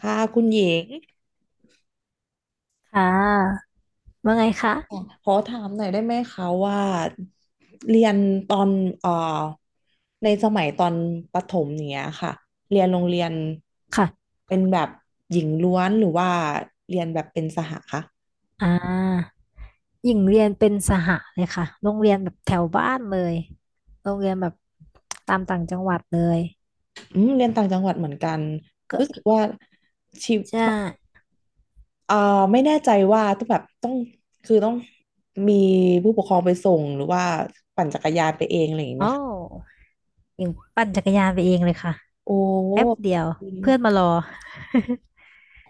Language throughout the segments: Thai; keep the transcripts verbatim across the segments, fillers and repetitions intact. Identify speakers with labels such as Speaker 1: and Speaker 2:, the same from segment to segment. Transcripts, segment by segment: Speaker 1: ค่ะคุณหญิง
Speaker 2: ค่ะว่าไงคะ
Speaker 1: ขอถามหน่อยได้ไหมคะว่าเรียนตอนเอ่อในสมัยตอนประถมเนี้ยค่ะเรียนโรงเรียน
Speaker 2: ค่ะ
Speaker 1: เป็นแบบหญิงล้วนหรือว่าเรียนแบบเป็นสหคะ
Speaker 2: อ่าหญิงเรียนเป็นสหเลยค่ะโรงเรียนแบบแถวบ้านเลยโรงเรียนแบบตามต่างจังหวัดเลย
Speaker 1: อืมเรียนต่างจังหวัดเหมือนกัน
Speaker 2: ก็
Speaker 1: รู้สึกว่าชีวิต
Speaker 2: ใช่
Speaker 1: เอ่อไม่แน่ใจว่าต้องแบบต้องคือต้องมีผู้ปกครองไปส่งหรือว่าปั่นจักรยานไปเองอะไรอย่างเงี้ยไหม
Speaker 2: โอ้า
Speaker 1: คะ
Speaker 2: วหญิงปั่นจักรยานไปเองเลยค่ะ
Speaker 1: โอ้
Speaker 2: แป๊บเดียวเพื่อนมารอ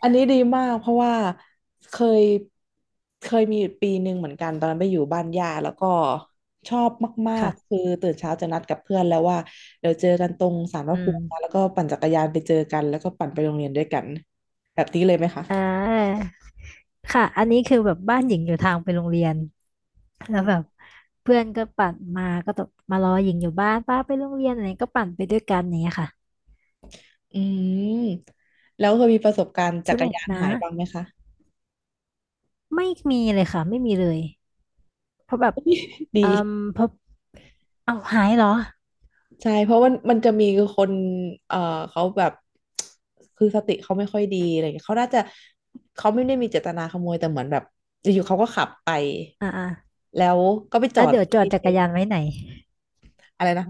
Speaker 1: อันนี้ดีมากเพราะว่าเคยเคยมีอปีหนึ่งเหมือนกันตอนนั้นไปอยู่บ้านย่าแล้วก็ชอบมากๆคื
Speaker 2: ค่ะ
Speaker 1: อตื่นเช้าจะนัดกับเพื่อนแล้วว่าเดี๋ยวเจอกันตรงศาลพระ
Speaker 2: อื
Speaker 1: ภูมินะ
Speaker 2: ม
Speaker 1: แล้วก็ปั่นจักรยานไปเจอกันแล้วก็ปั่นไปโรงเรียนด้วยกันแบบนี้เลยไหมคะ
Speaker 2: อ่าค่ะอันนี้คือแบบบ้านหญิงอยู่ทางไปโรงเรียนแล้วแบบเพื่อนก็ปั่นมาก็ตบมารอหญิงอยู่บ้านป้าไปโรงเรียนอะไรก็ปั่นไปด้วยกันอย่างเงี้ยค่ะ
Speaker 1: อืมแล้วเคยมีประสบการณ์จั
Speaker 2: ส
Speaker 1: กร
Speaker 2: นุก
Speaker 1: ยาน
Speaker 2: นะ
Speaker 1: หายบ้างไหมคะ
Speaker 2: ไม่มีเลยค่ะไม่มีเลยเพราะแบบ
Speaker 1: ดี
Speaker 2: เอ่มเพราะเอาหายเหรอ
Speaker 1: ใช่เพราะมันมันจะมีคนเอ่อเขาแบบคือสติเขาไม่ค่อยดีอะไรเงี้ยเขาน่าจะเขาไม่ได้มีเจตนาขโมยแต่เหมือนแบบอยู่ๆเขาก็ขับไป
Speaker 2: อ่าอ่า
Speaker 1: แล้วก็ไปจอ
Speaker 2: อ่ะ
Speaker 1: ด
Speaker 2: เดี๋ยวจอด
Speaker 1: ที่
Speaker 2: จักรยานไว้ไหน
Speaker 1: อะไรนะ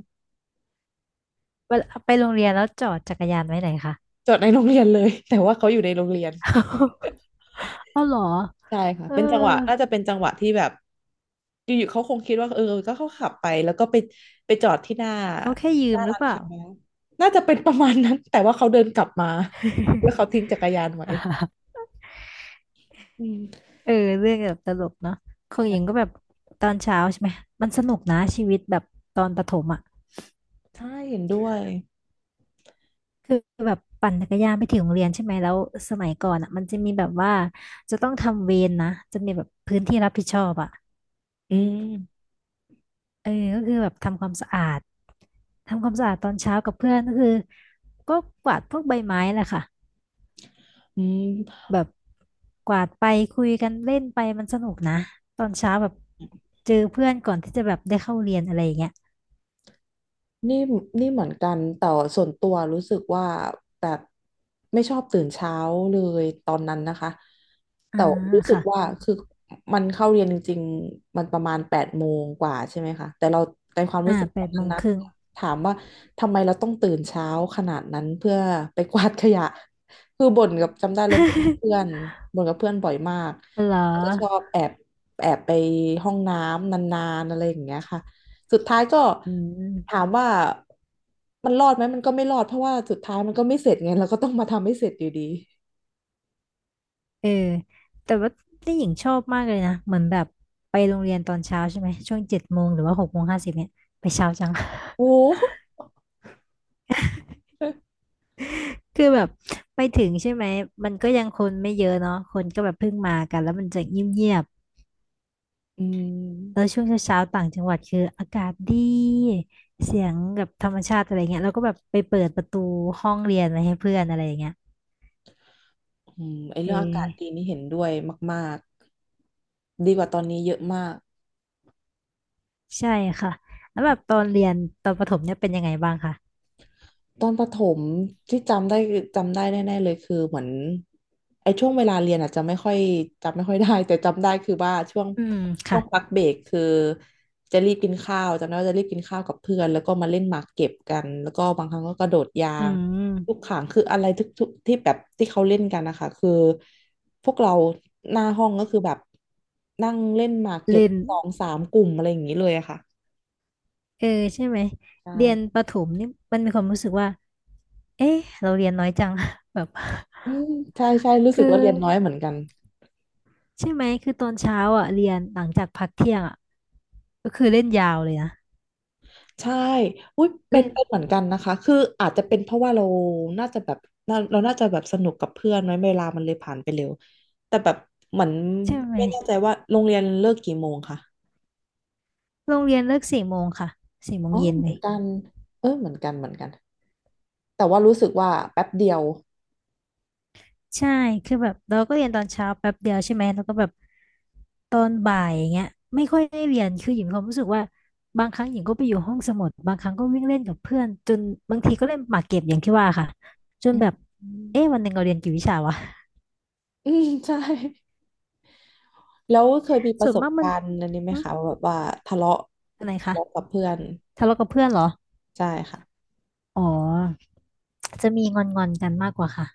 Speaker 2: เวลาไปโรงเรียนแล้วจอดจักรยานไว้ไหนคะ
Speaker 1: จอดในโรงเรียนเลย แต่ว่าเขาอยู่ในโรงเรียน
Speaker 2: เอาเหรอ
Speaker 1: ใช่ค่ะ
Speaker 2: เออ
Speaker 1: เป็นจังหวะน่าจะเป็นจังหวะที่แบบอยู่ๆเขาคงคิดว่าเออก็เขาขับไปแล้วก็ไปไปจอดที่หน้า
Speaker 2: เขาแค่ยื
Speaker 1: ห
Speaker 2: ม
Speaker 1: น้า
Speaker 2: หรือ
Speaker 1: ร้าน
Speaker 2: เปล่า
Speaker 1: ค้าน่าจะเป็นประมาณนั้นแต่ว่าเขาเดินกลับมาแล้วเขา ทิ้งจักรยานไว้อืม
Speaker 2: เออเรื่องแบบตลกเนาะของหญิงก็
Speaker 1: ใช่
Speaker 2: แบบตอนเช้าใช่ไหมมันสนุกนะชีวิตแบบตอนประถมอ่ะ
Speaker 1: ใช่เห็นด้วย
Speaker 2: คือแบบปั่นจักรยานไปถึงโรงเรียนใช่ไหมแล้วสมัยก่อนอ่ะมันจะมีแบบว่าจะต้องทำเวรนะจะมีแบบพื้นที่รับผิดชอบอ่ะ
Speaker 1: อืม
Speaker 2: เออก็คือแบบทำความสะอาดทำความสะอาดตอนเช้ากับเพื่อนก็คือก็กวาดพวกใบไม้แหละค่ะ
Speaker 1: อืม
Speaker 2: แบบกวาดไปคุยกันเล่นไปมันสนุกนะตอนเช้าแบบเจอเพื่อนก่อนที่จะแบบได้เข้าเรียนอะไรอย่างเงี้ย
Speaker 1: นี่นี่เหมือนกันแต่ส่วนตัวรู้สึกว่าแบบไม่ชอบตื่นเช้าเลยตอนนั้นนะคะ
Speaker 2: อ่า
Speaker 1: แต่รู้สึก
Speaker 2: ค่ะ
Speaker 1: ว่าคือมันเข้าเรียนจริงๆมันประมาณแปดโมงกว่าใช่ไหมคะแต่เราในความ
Speaker 2: อ่า
Speaker 1: รู้สึก
Speaker 2: แป
Speaker 1: ตอ
Speaker 2: ด
Speaker 1: น
Speaker 2: โม
Speaker 1: นั้น
Speaker 2: ง
Speaker 1: นะ
Speaker 2: ครึ่ง
Speaker 1: ถามว่าทำไมเราต้องตื่นเช้าขนาดนั้นเพื่อไปกวาดขยะ คือบ่นกับจำได้เลยบ่นกับ เพื่อนบ่นกับเพื่อนบ่อยมาก
Speaker 2: เหรอ
Speaker 1: จะชอบแอบแอบไปห้องน้ำนานๆอะไรอย่างเงี้ยค่ะ สุดท้ายก็
Speaker 2: อื
Speaker 1: ถา
Speaker 2: ม
Speaker 1: มว่ามันรอดไหมมันก็ไม่รอดเพราะว่าสุดท้ายมันก็ไม่เสร็จไงเราก็ต้องมาทำให้เสร็จอยู่ดี
Speaker 2: เออแต่ว่านี่หญิงชอบมากเลยนะ เหมือนแบบไปโรงเรียนตอนเช้าใช่ไหมช่วงเจ็ดโมงหรือว่าหกโมงห้าสิบเนี่ยไปเช้าจัง
Speaker 1: โอ้ โห
Speaker 2: คือแบบไปถึงใช่ไหมมันก็ยังคนไม่เยอะเนาะคนก็แบบเพิ่งมากันแล้วมันจะเงียบ
Speaker 1: อื
Speaker 2: ๆแล้ว
Speaker 1: ม
Speaker 2: ช่วงเช้าๆต่างจังหวัดคืออากาศดีเสียงแบบธรรมชาติอะไรเงี้ยแล้วก็แบบไปเปิดประตูห้องเรียนไว้ให้เพื่อนอะไรอย่างเงี้ย
Speaker 1: อืมไอ
Speaker 2: เอ
Speaker 1: เรื่องอากาศดี
Speaker 2: อ
Speaker 1: นี่เห็นด้วยมากๆดีกว่าตอนนี้เยอะมาก
Speaker 2: ใช่ค่ะแล้วแบบตอนเรียนตอนประถมเนี่ยเป็นยังไงบ้างคะ
Speaker 1: ตอนประถมที่จำได้จำได้แน่ๆเลยคือเหมือนไอ้ช่วงเวลาเรียนอาจจะไม่ค่อยจำไม่ค่อยได้ แต่จำได้คือว่าช่วง
Speaker 2: อืม
Speaker 1: ช่
Speaker 2: ค่ะ
Speaker 1: วงพักเบรกคือจะรีบกินข้าวจำได้ว่าจะรีบกินข้าวกับเพื่อนแล้วก็มาเล่นหมากเก็บกันแล้วก็บางครั้งก็กระโดดยา
Speaker 2: อื
Speaker 1: งลูก
Speaker 2: ม
Speaker 1: ข่างคืออะไรทุกทุกที่แบบที่เขาเล่นกันนะคะคือพวกเราหน้าห้องก็คือแบบนั่งเล่นหมากเก็บ
Speaker 2: เล่น
Speaker 1: สองสามกลุ่มอะไรอย่างนี้เลยอะค่ะ
Speaker 2: เออใช่ไหม
Speaker 1: ใช่
Speaker 2: เรียนประถมนี่มันมีความรู้สึกว่าเอ๊ะเราเรียนน้อยจัง แบบ
Speaker 1: อืมใช่ใช่รู้ สึก
Speaker 2: คือ
Speaker 1: ว่าเรียนน้อยเหมือนกัน
Speaker 2: ใช่ไหมคือตอนเช้าอ่ะเรียนหลังจากพักเที่ยงอ่ะก็คือเล่นยาวเลยนะ
Speaker 1: ใช่อุ้ยเป็น
Speaker 2: เล่น
Speaker 1: เป็นเหมือนกันนะคะ คืออาจจะเป็นเพราะว่าเราน่าจะแบบน่าเราน่าจะแบบสนุกกับเพื่อนไหมเวลามันเลยผ่านไปเร็ว แต่แบบเหมือน
Speaker 2: ใช่ไหม
Speaker 1: ไม่แน่ใจว่าโรงเรียนเลิกกี่โมงค่ะ
Speaker 2: โรงเรียนเลิกสี่โมงค่ะสี่โมง
Speaker 1: อ๋อ
Speaker 2: เย็น
Speaker 1: เหมื
Speaker 2: เล
Speaker 1: อน
Speaker 2: ย
Speaker 1: กันเออเหมือนกันเหมือนกัน แต่ว่ารู้สึกว่าแป๊บเดียว
Speaker 2: ใช่คือแบบเราก็เรียนตอนเช้าแป๊บเดียวใช่ไหมแล้วก็แบบตอนบ่ายอย่างเงี้ยไม่ค่อยได้เรียน คือหญิงมีความรู้สึกว่าบางครั้งหญิงก็ไปอยู่ห้องสมุดบางครั้งก็วิ่งเล่นกับเพื่อนจนบางทีก็เล่นหมากเก็บอย่างที่ว่าค่ะจน
Speaker 1: อื
Speaker 2: แบบ
Speaker 1: ม
Speaker 2: เอ๊ะวันหนึ่งเราเรียนกี่วิชาวะ
Speaker 1: อืมใช่แล้วเคยมีป
Speaker 2: ส่
Speaker 1: ระ
Speaker 2: วน
Speaker 1: สบ
Speaker 2: มากมัน
Speaker 1: การณ์อันนี้ไหม
Speaker 2: หึ
Speaker 1: คะว่าแบบว่าทะเลาะ
Speaker 2: อะไร
Speaker 1: ทะ
Speaker 2: คะ
Speaker 1: เลาะกับเพื่อน
Speaker 2: ทะเลาะกับเพื่อนเหรอ
Speaker 1: ใช่ค่ะ
Speaker 2: อ๋อจะมีงอนงอนกันมากกว่าค่ะ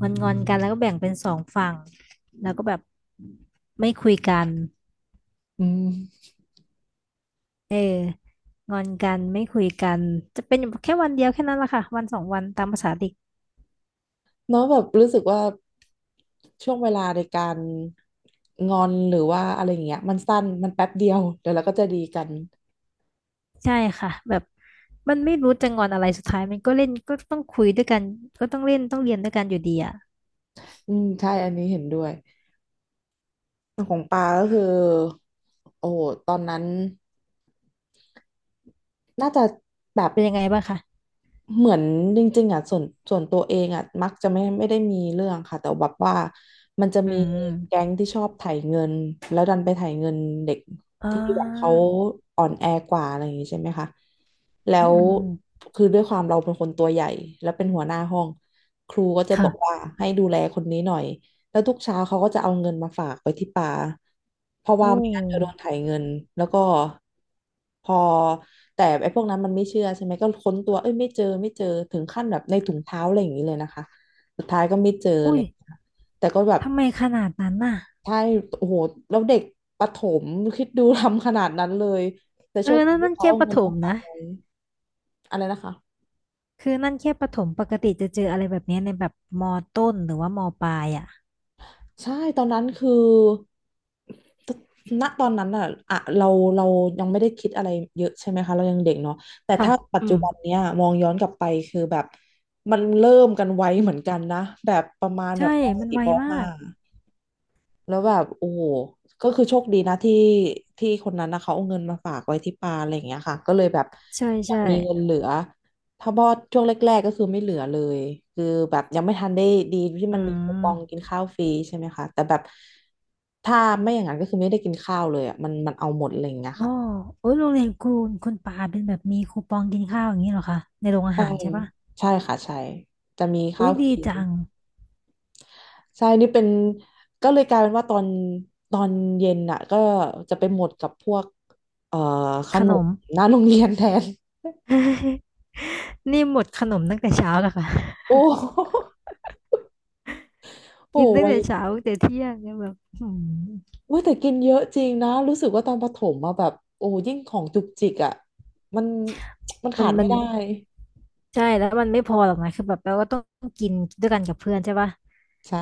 Speaker 2: งอนงอนกันแล้วก็แบ่งเป็นสองฝั่งแล้วก็แบบไม่คุยกัน
Speaker 1: อืม
Speaker 2: เอองอนกันไม่คุยกันจะเป็นอยู่แค่วันเดียวแค่นั้นแหละค่ะวันสองวันตามภาษาเด็ก
Speaker 1: เนาะแบบรู้สึกว่าช่วงเวลาในการงอนหรือว่าอะไรอย่างเงี้ยมันสั้นมันแป๊บเดียวเดี๋ยวเราก็จะดีกัน
Speaker 2: ใช่ค่ะแบบมันไม่รู้จะงอนอะไรสุดท้ายมันก็เล่นก็ต้องคุยด้วยกันก็ต้องเล่นต้องเรียนด้วยกันอยู่ดีอ่ะ
Speaker 1: อืมใช่อันนี้เห็นด้วยของปาก็คือโอ้โหตอนนั้นน่าจะแบบ
Speaker 2: เป็นยังไงบ้างคะ
Speaker 1: เหมือนจริงๆอ่ะส่วนส่วนตัวเองอ่ะมักจะไม่ไม่ได้มีเรื่องค่ะแต่แบบว่ามันจะ
Speaker 2: อื
Speaker 1: มีแก๊
Speaker 2: ม
Speaker 1: งที่ชอบไถเงินแล้วดันไปไถเงินเด็ก
Speaker 2: อ่
Speaker 1: ที่แบบเขา
Speaker 2: า
Speaker 1: อ่อนแอกว่าอะไรอย่างงี้ใช่ไหมคะแล้
Speaker 2: อืม
Speaker 1: ว
Speaker 2: อืม
Speaker 1: คือด้วยความเราเป็นคนตัวใหญ่แล้วเป็นหัวหน้าห้องครูก็จะบอกว่า
Speaker 2: ค่ะ
Speaker 1: ให้ดูแลคนนี้หน่อย แล้วทุกเช้าเขาก็จะเอาเงินมาฝากไว้ที่ปาเพราะว่า
Speaker 2: โอ้
Speaker 1: ไม่งั้นเดี๋ยวโดนไถเงินแล้วก็พอแต่ไอ้พวกนั้นมันไม่เชื่อใช่ไหมก็ค้นตัวเอ้ยไม่เจอไม่เจอถึงขั้นแบบในถุงเท้าอะไรอย่างนี้เลยนะคะสุดท้ายก็ไม่เจออะไร
Speaker 2: อุ้ย
Speaker 1: อย่างเลยค่ะแต่ก็แบบ
Speaker 2: ทำไมขนาดนั้นน่ะ
Speaker 1: ใช่โอ้โหแล้วเด็กประถมคิดดู ทำขนาดนั้นเลยแต่
Speaker 2: เอ
Speaker 1: โชค
Speaker 2: อ
Speaker 1: ดี
Speaker 2: นั่น
Speaker 1: ที่
Speaker 2: นั่น
Speaker 1: เขา
Speaker 2: แค่
Speaker 1: เอา
Speaker 2: ประ
Speaker 1: เงิ
Speaker 2: ถ
Speaker 1: น
Speaker 2: ม
Speaker 1: มาฝาก
Speaker 2: นะ
Speaker 1: ไว้อะไรนะคะ
Speaker 2: คือนั่นแค่ประถมปกติจะเจออะไรแบบเนี้ยในแบบมอต้นหรือว่ามอปลายอ่ะ
Speaker 1: ใช่ตอนนั้นคือณตอนนั้นอ่ะอะเราเรายังไม่ได้คิดอะไรเยอะใช่ไหมคะเรายังเด็กเนาะแต่
Speaker 2: ค่ะ
Speaker 1: ถ้าปัจ
Speaker 2: อื
Speaker 1: จุ
Speaker 2: ม
Speaker 1: บันเนี้ยมองย้อนกลับไปคือแบบมันเริ่มกันไวเหมือนกันนะแบบประมาณแบ
Speaker 2: ใช่
Speaker 1: บป
Speaker 2: มัน
Speaker 1: สี่
Speaker 2: ไว
Speaker 1: ป
Speaker 2: มา
Speaker 1: ห้า
Speaker 2: ก
Speaker 1: แล้วแบบโอ้โหก็คือโชคดีนะที่ที่คนนั้นนะเขาเอาเงินมาฝากไว้ที่ปาอะไรอย่างเงี้ยค่ะก็เลยแบบ
Speaker 2: ใช่
Speaker 1: ยั
Speaker 2: ใช่
Speaker 1: งมีเงินเหลือถ้าบอดช่วงแรกๆก็คือไม่เหลือเลยคือแบบยังไม่ทันได้ดีที่
Speaker 2: อื
Speaker 1: มันมีคูปองกิ
Speaker 2: ม
Speaker 1: นข้าวฟรีใช่ไหมคะแต่แบบถ้าไม่อย่างนั้นก็คือไม่ได้กินข้าวเลยอ่ะมันมันเอาหมดอะไรอย่างเงี้ย
Speaker 2: โอ้
Speaker 1: ค่ะ
Speaker 2: โอ้ยโรงเรียนคุณคุณปาเป็นแบบมีคูปองกินข้าวอย่างนี้เหรอคะในโรงอาหารใช่ปะ
Speaker 1: ใช่ค่ะใช่จะมีข้า
Speaker 2: อุ้
Speaker 1: ว
Speaker 2: ย
Speaker 1: ฟ
Speaker 2: ดี
Speaker 1: รี
Speaker 2: จัง
Speaker 1: ใช่นี่เป็นก็เลยกลายเป็นว่าตอนตอนเย็นน่ะก็จะไปหมดกับพวกเอ่อข
Speaker 2: ข
Speaker 1: น
Speaker 2: น
Speaker 1: ม
Speaker 2: ม
Speaker 1: หน้าโรงเรียนแทน
Speaker 2: นี่หมดขนมตั้งแต่เช้าแล้วค่ะ
Speaker 1: โอ้ โห
Speaker 2: กินตั้ง
Speaker 1: ไว้ย
Speaker 2: แต่เช้าตั้งแต่เที่ยงเนี่ยแบบหืม
Speaker 1: เว้ยแต่กินเยอะจริงนะรู้สึกว่าตอนประถมมาแบบโอ้ยิ่งของจุกจิกอ่ะมันมัน
Speaker 2: มั
Speaker 1: ขา
Speaker 2: น
Speaker 1: ด
Speaker 2: มั
Speaker 1: ไม่
Speaker 2: น
Speaker 1: ได้
Speaker 2: ใช่แล้วมันไม่พอหรอกนะคือแบบเราก็ต้องกินด้วยกันกับเพื่อนใช่ปะ
Speaker 1: ใช่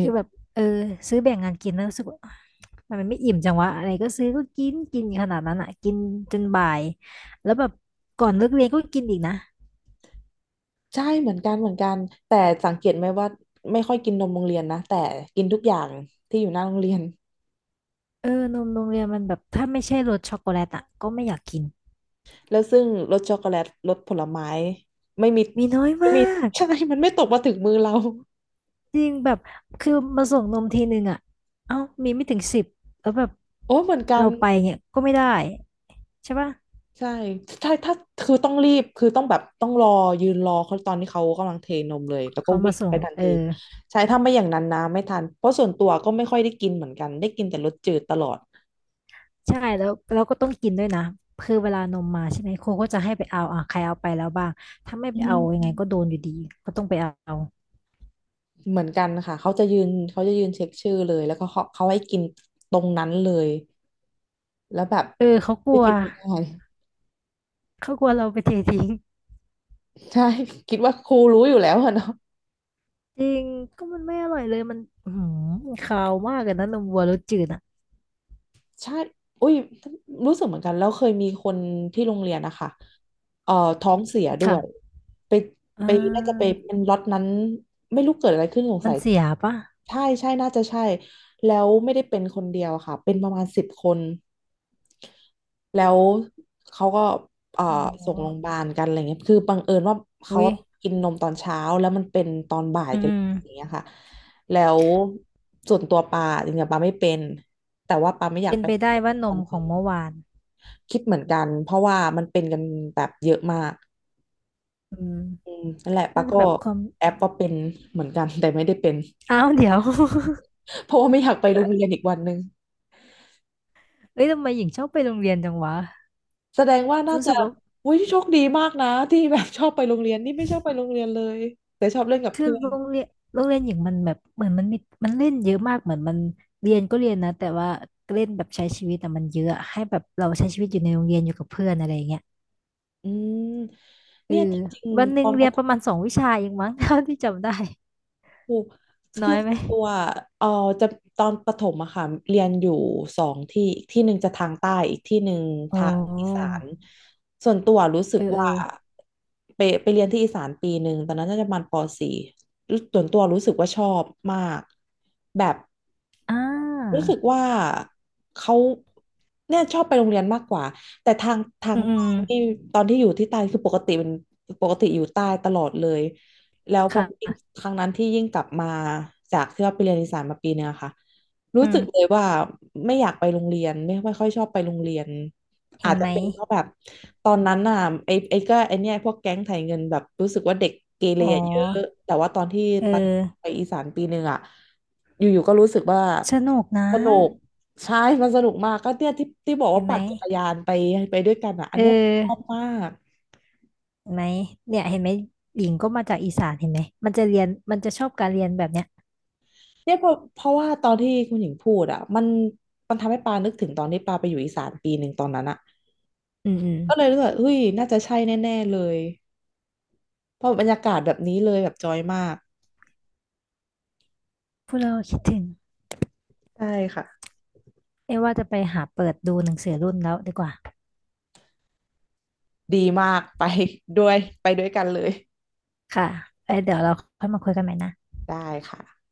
Speaker 2: คือแบบเออซื้อแบ่งงานกินแล้วรู้สึกว่าัมันไม่อิ่มจังวะอะไรก็ซื้อก็กินกินขนาดนั้นอ่ะกินจนบ่ายแล้วแบบก่อนเลิกเรียนก็กินอีกนะ
Speaker 1: ใช่เหมือนกันเหมือนกันแต่สังเกตไหมว่าไม่ค่อยกินนมโรงเรียนนะแต่กินทุกอย่างที่อยู่หน้าโรงเรียน
Speaker 2: เออนมโรงเรียนมันแบบถ้าไม่ใช่รสช็อกโกแลตอ่ะก็ไม่อยากกิน
Speaker 1: แล้วซึ่งรสช็อกโกแลตรสผลไม้ไม่มี
Speaker 2: มีน้อย
Speaker 1: ไม่
Speaker 2: มา
Speaker 1: มี
Speaker 2: ก
Speaker 1: ใช่มันไม่ตกมาถึงมือเรา
Speaker 2: จริงแบบคือมาส่งนมทีหนึ่งอ่ะเอ้ามีไม่ถึงสิบแล้วแบบ
Speaker 1: โอ้เหมือนกั
Speaker 2: เรา
Speaker 1: น
Speaker 2: ไปเนี่ยก็ไม่ได้ใช่ปะ
Speaker 1: ใช่ใช่ถ้าคือต้องรีบคือต้องแบบต้องรอยืนรอเขาตอนที่เขากำลังเทนมเลยแล้วก็
Speaker 2: เขา
Speaker 1: วิ่
Speaker 2: มา
Speaker 1: ง
Speaker 2: ส่
Speaker 1: ไป
Speaker 2: ง
Speaker 1: ทัน
Speaker 2: เออ
Speaker 1: ทีใช่ถ้าไม่อย่างนั้นนะไม่ทันเพราะส่วนตัวก็ไม่ค่อยได้กินเหมือนกันได้กินแต่รสจืดตลอด
Speaker 2: ใช่แล้วเราก็ต้องกินด้วยนะคือเวลานมมาใช่ไหมครูก็จะให้ไปเอาอ่ะใครเอาไปแล้วบ้างถ้าไม่
Speaker 1: อื
Speaker 2: ไปเอายังไง
Speaker 1: ม
Speaker 2: ก็โดนอยู่ดีก็ต้องไปเอา
Speaker 1: เหมือนกันค่ะเขาจะยืนเขาจะยืนเช็คชื่อเลยแล้วก็เขาเขาให้กินตรงนั้นเลยแล้วแบบ
Speaker 2: เออเขาก
Speaker 1: ไม่
Speaker 2: ลัว
Speaker 1: กินไม่ได้
Speaker 2: เขากลัวเราไปเททิ้ง
Speaker 1: ใช่ คิดว่าครูรู้อยู่แล้วอะเนาะ
Speaker 2: จริงก็มันไม่อร่อยเลยมันอือหือคาวมากเลยนะนมวัวรสจืดอ่ะ
Speaker 1: ใช่อุ้ยรู้สึกเหมือนกัน แล้วเคยมีคนที่โรงเรียนนะคะ เอ่อท้องเสียด้วย
Speaker 2: ค่ะ
Speaker 1: ไป
Speaker 2: อ่
Speaker 1: ไปน่าจะไป
Speaker 2: า
Speaker 1: เป็นล็อตนั้นไม่รู้เกิดอะไรขึ้นสง
Speaker 2: มั
Speaker 1: สั
Speaker 2: น
Speaker 1: ย
Speaker 2: เสียปะ
Speaker 1: ใช่ใช่น่าจะใช่ แล้วไม่ได้เป็นคนเดียวอะค่ะ เป็นประมาณสิบคนแล้วเขาก็เอ่อ
Speaker 2: อ๋
Speaker 1: ส่งโรงพยา
Speaker 2: อ
Speaker 1: บาลกันอะไรเงี้ยคือบังเอิญว่า
Speaker 2: อุ้
Speaker 1: เขา
Speaker 2: ย
Speaker 1: กินนมตอนเช้าแล้วมันเป็นตอนบ่าย
Speaker 2: อื
Speaker 1: กันอย่าง
Speaker 2: ม
Speaker 1: เงี้ยค่ะ แล้วส่วนตัวปาจริงๆปาไม่เป็น แต่ว่าปาไม่อยาก
Speaker 2: เป็น
Speaker 1: ไป
Speaker 2: ไปได้ว่านม
Speaker 1: ทำ
Speaker 2: ข
Speaker 1: เอ
Speaker 2: อง
Speaker 1: ง
Speaker 2: เมื่อวาน
Speaker 1: คิดเหมือนกันเพราะว่ามันเป็นกันแบบเยอะมาก
Speaker 2: อืม
Speaker 1: อืมนั่นแหละปา
Speaker 2: น่าจะ
Speaker 1: ก็
Speaker 2: แบบความ
Speaker 1: แอปว่าเป็นเหมือนกันแต่ไม่ได้เป็น
Speaker 2: อ้าวเดี๋ยว
Speaker 1: เพราะว่าไม่อยากไปโรงเรียนอีกวันหนึ่ง
Speaker 2: เอ้ย ทำไมหญิงชอบไปโรงเรียนจังวะ
Speaker 1: แสดงว่าน่า
Speaker 2: รู้
Speaker 1: จะ
Speaker 2: สึกว่า
Speaker 1: อุ้ยโชคดีมากนะที่แบบชอบไปโรงเรียนนี่ไม่ชอบไปโรงเรียนเลยแต่ชอบเล่นกับ
Speaker 2: คือ
Speaker 1: เพื่อน
Speaker 2: โรงเรียนโรงเรียนหญิงมันแบบเหมือนมันมีมันเล่นเยอะมากเหมือนมันเรียนก็เรียนนะแต่ว่าเล่นแบบใช้ชีวิตแต่มันเยอะให้แบบเราใช้ชีวิตอยู่ในโรงเรียนอยู่กับเพื่อนอะไรอย่างเงี้ย
Speaker 1: อืม
Speaker 2: เออ
Speaker 1: เนี่ยจริง
Speaker 2: วันห
Speaker 1: ๆต
Speaker 2: นึ่ง
Speaker 1: อนป
Speaker 2: เรีย
Speaker 1: ระ
Speaker 2: น
Speaker 1: ถ
Speaker 2: ประมาณสองวิชาเองมั้ง เท่าที่จำได้
Speaker 1: ครู
Speaker 2: น้
Speaker 1: คื
Speaker 2: อ
Speaker 1: อ
Speaker 2: ยไหม
Speaker 1: ตัวเออจะตอนประถมอะค่ะเรียนอยู่สองที่อีกที่หนึ่งจะทางใต้อีกที่หนึ่ง
Speaker 2: อ๋อ
Speaker 1: ทางอีสานส่วนตัวรู้สึ
Speaker 2: เอ
Speaker 1: ก
Speaker 2: อเออ
Speaker 1: ว่าไปไปเรียนที่อีสานปีหนึ่งตอนนั้นน่าจะประมาณปสี่ส่วนตัวรู้สึกว่าชอบมากแบบ
Speaker 2: อ่
Speaker 1: รู้
Speaker 2: า
Speaker 1: สึกว่าเขาเนี่ยชอบไปโรงเรียนมากกว่าแต่ทางทา
Speaker 2: อื
Speaker 1: ง
Speaker 2: มอื
Speaker 1: ใต้
Speaker 2: ม
Speaker 1: นี่ตอนที่อยู่ที่ใต้คือปกติเป็นปกติอยู่ใต้ตลอดเลยแล้วพ
Speaker 2: ค
Speaker 1: อ
Speaker 2: ่ะ
Speaker 1: ครั้งนั้นที่ยิ่งกลับมาจากที่ว่าไปเรียนอีสานมาปีนึงอะค่ะ รู้
Speaker 2: อื
Speaker 1: สึกเลย
Speaker 2: ม
Speaker 1: ว่าไม่อยากไปโรงเรียนไม่ไม่ค่อยชอบไปโรงเรียน
Speaker 2: เห็
Speaker 1: อาจ
Speaker 2: น
Speaker 1: จะ
Speaker 2: ไหม
Speaker 1: เป็นเพราะแบบตอนนั้นน่ะไอ้ไอ้ก็ไอ้เนี่ยพวกแก๊งไถเงินแบบรู้สึกว่าเด็กเกเร
Speaker 2: อ๋อ
Speaker 1: อะเยอะแต่ว่าตอนที่
Speaker 2: เอ
Speaker 1: ไป
Speaker 2: อ
Speaker 1: ไปอีสานปีหนึ่งอ่ะอยู่ๆก็รู้สึกว่า
Speaker 2: สนุกนะ
Speaker 1: สนุกใช่มันสนุกมากก็เนี่ยที่ที่บอก
Speaker 2: เห็
Speaker 1: ว่า
Speaker 2: นไหม
Speaker 1: ปั่นจักรยานไปไปด้วยกันอ่ะอั
Speaker 2: เอ
Speaker 1: นเนี้ยชอบ
Speaker 2: อ
Speaker 1: มาก
Speaker 2: เห็นไหมเนี่ยเห็นไหมหญิงก็มาจากอีสานเห็นไหมมันจะเรียนมันจะชอบการเรียนแบบเนี้ย
Speaker 1: เนี่ยเพราะเพราะว่าตอนที่คุณหญิงพูดอ่ะมันมันทำให้ปานึกถึงตอนที่ปาไปอยู่อีสานปีหนึ่งตอนนั้นอ่ะ
Speaker 2: อืมอืม
Speaker 1: ก็เลยรู้สึกว่าเฮ้ยน่าจะใช่แน่ๆเลยเพราะบรรยากาศแบบนี้เลยแบบจอยมาก
Speaker 2: พูดแล้วก็คิดถึง
Speaker 1: ใช่ค่ะ
Speaker 2: เอ้ว่าจะไปหาเปิดดูหนังสือรุ่นแล้วดีกว่า
Speaker 1: ดีมาก ไปด้วยไปด้วยกันเลย
Speaker 2: ค่ะเอ้ยเดี๋ยวเราค่อยมาคุยกันใหม่นะ
Speaker 1: ได้ค่ะ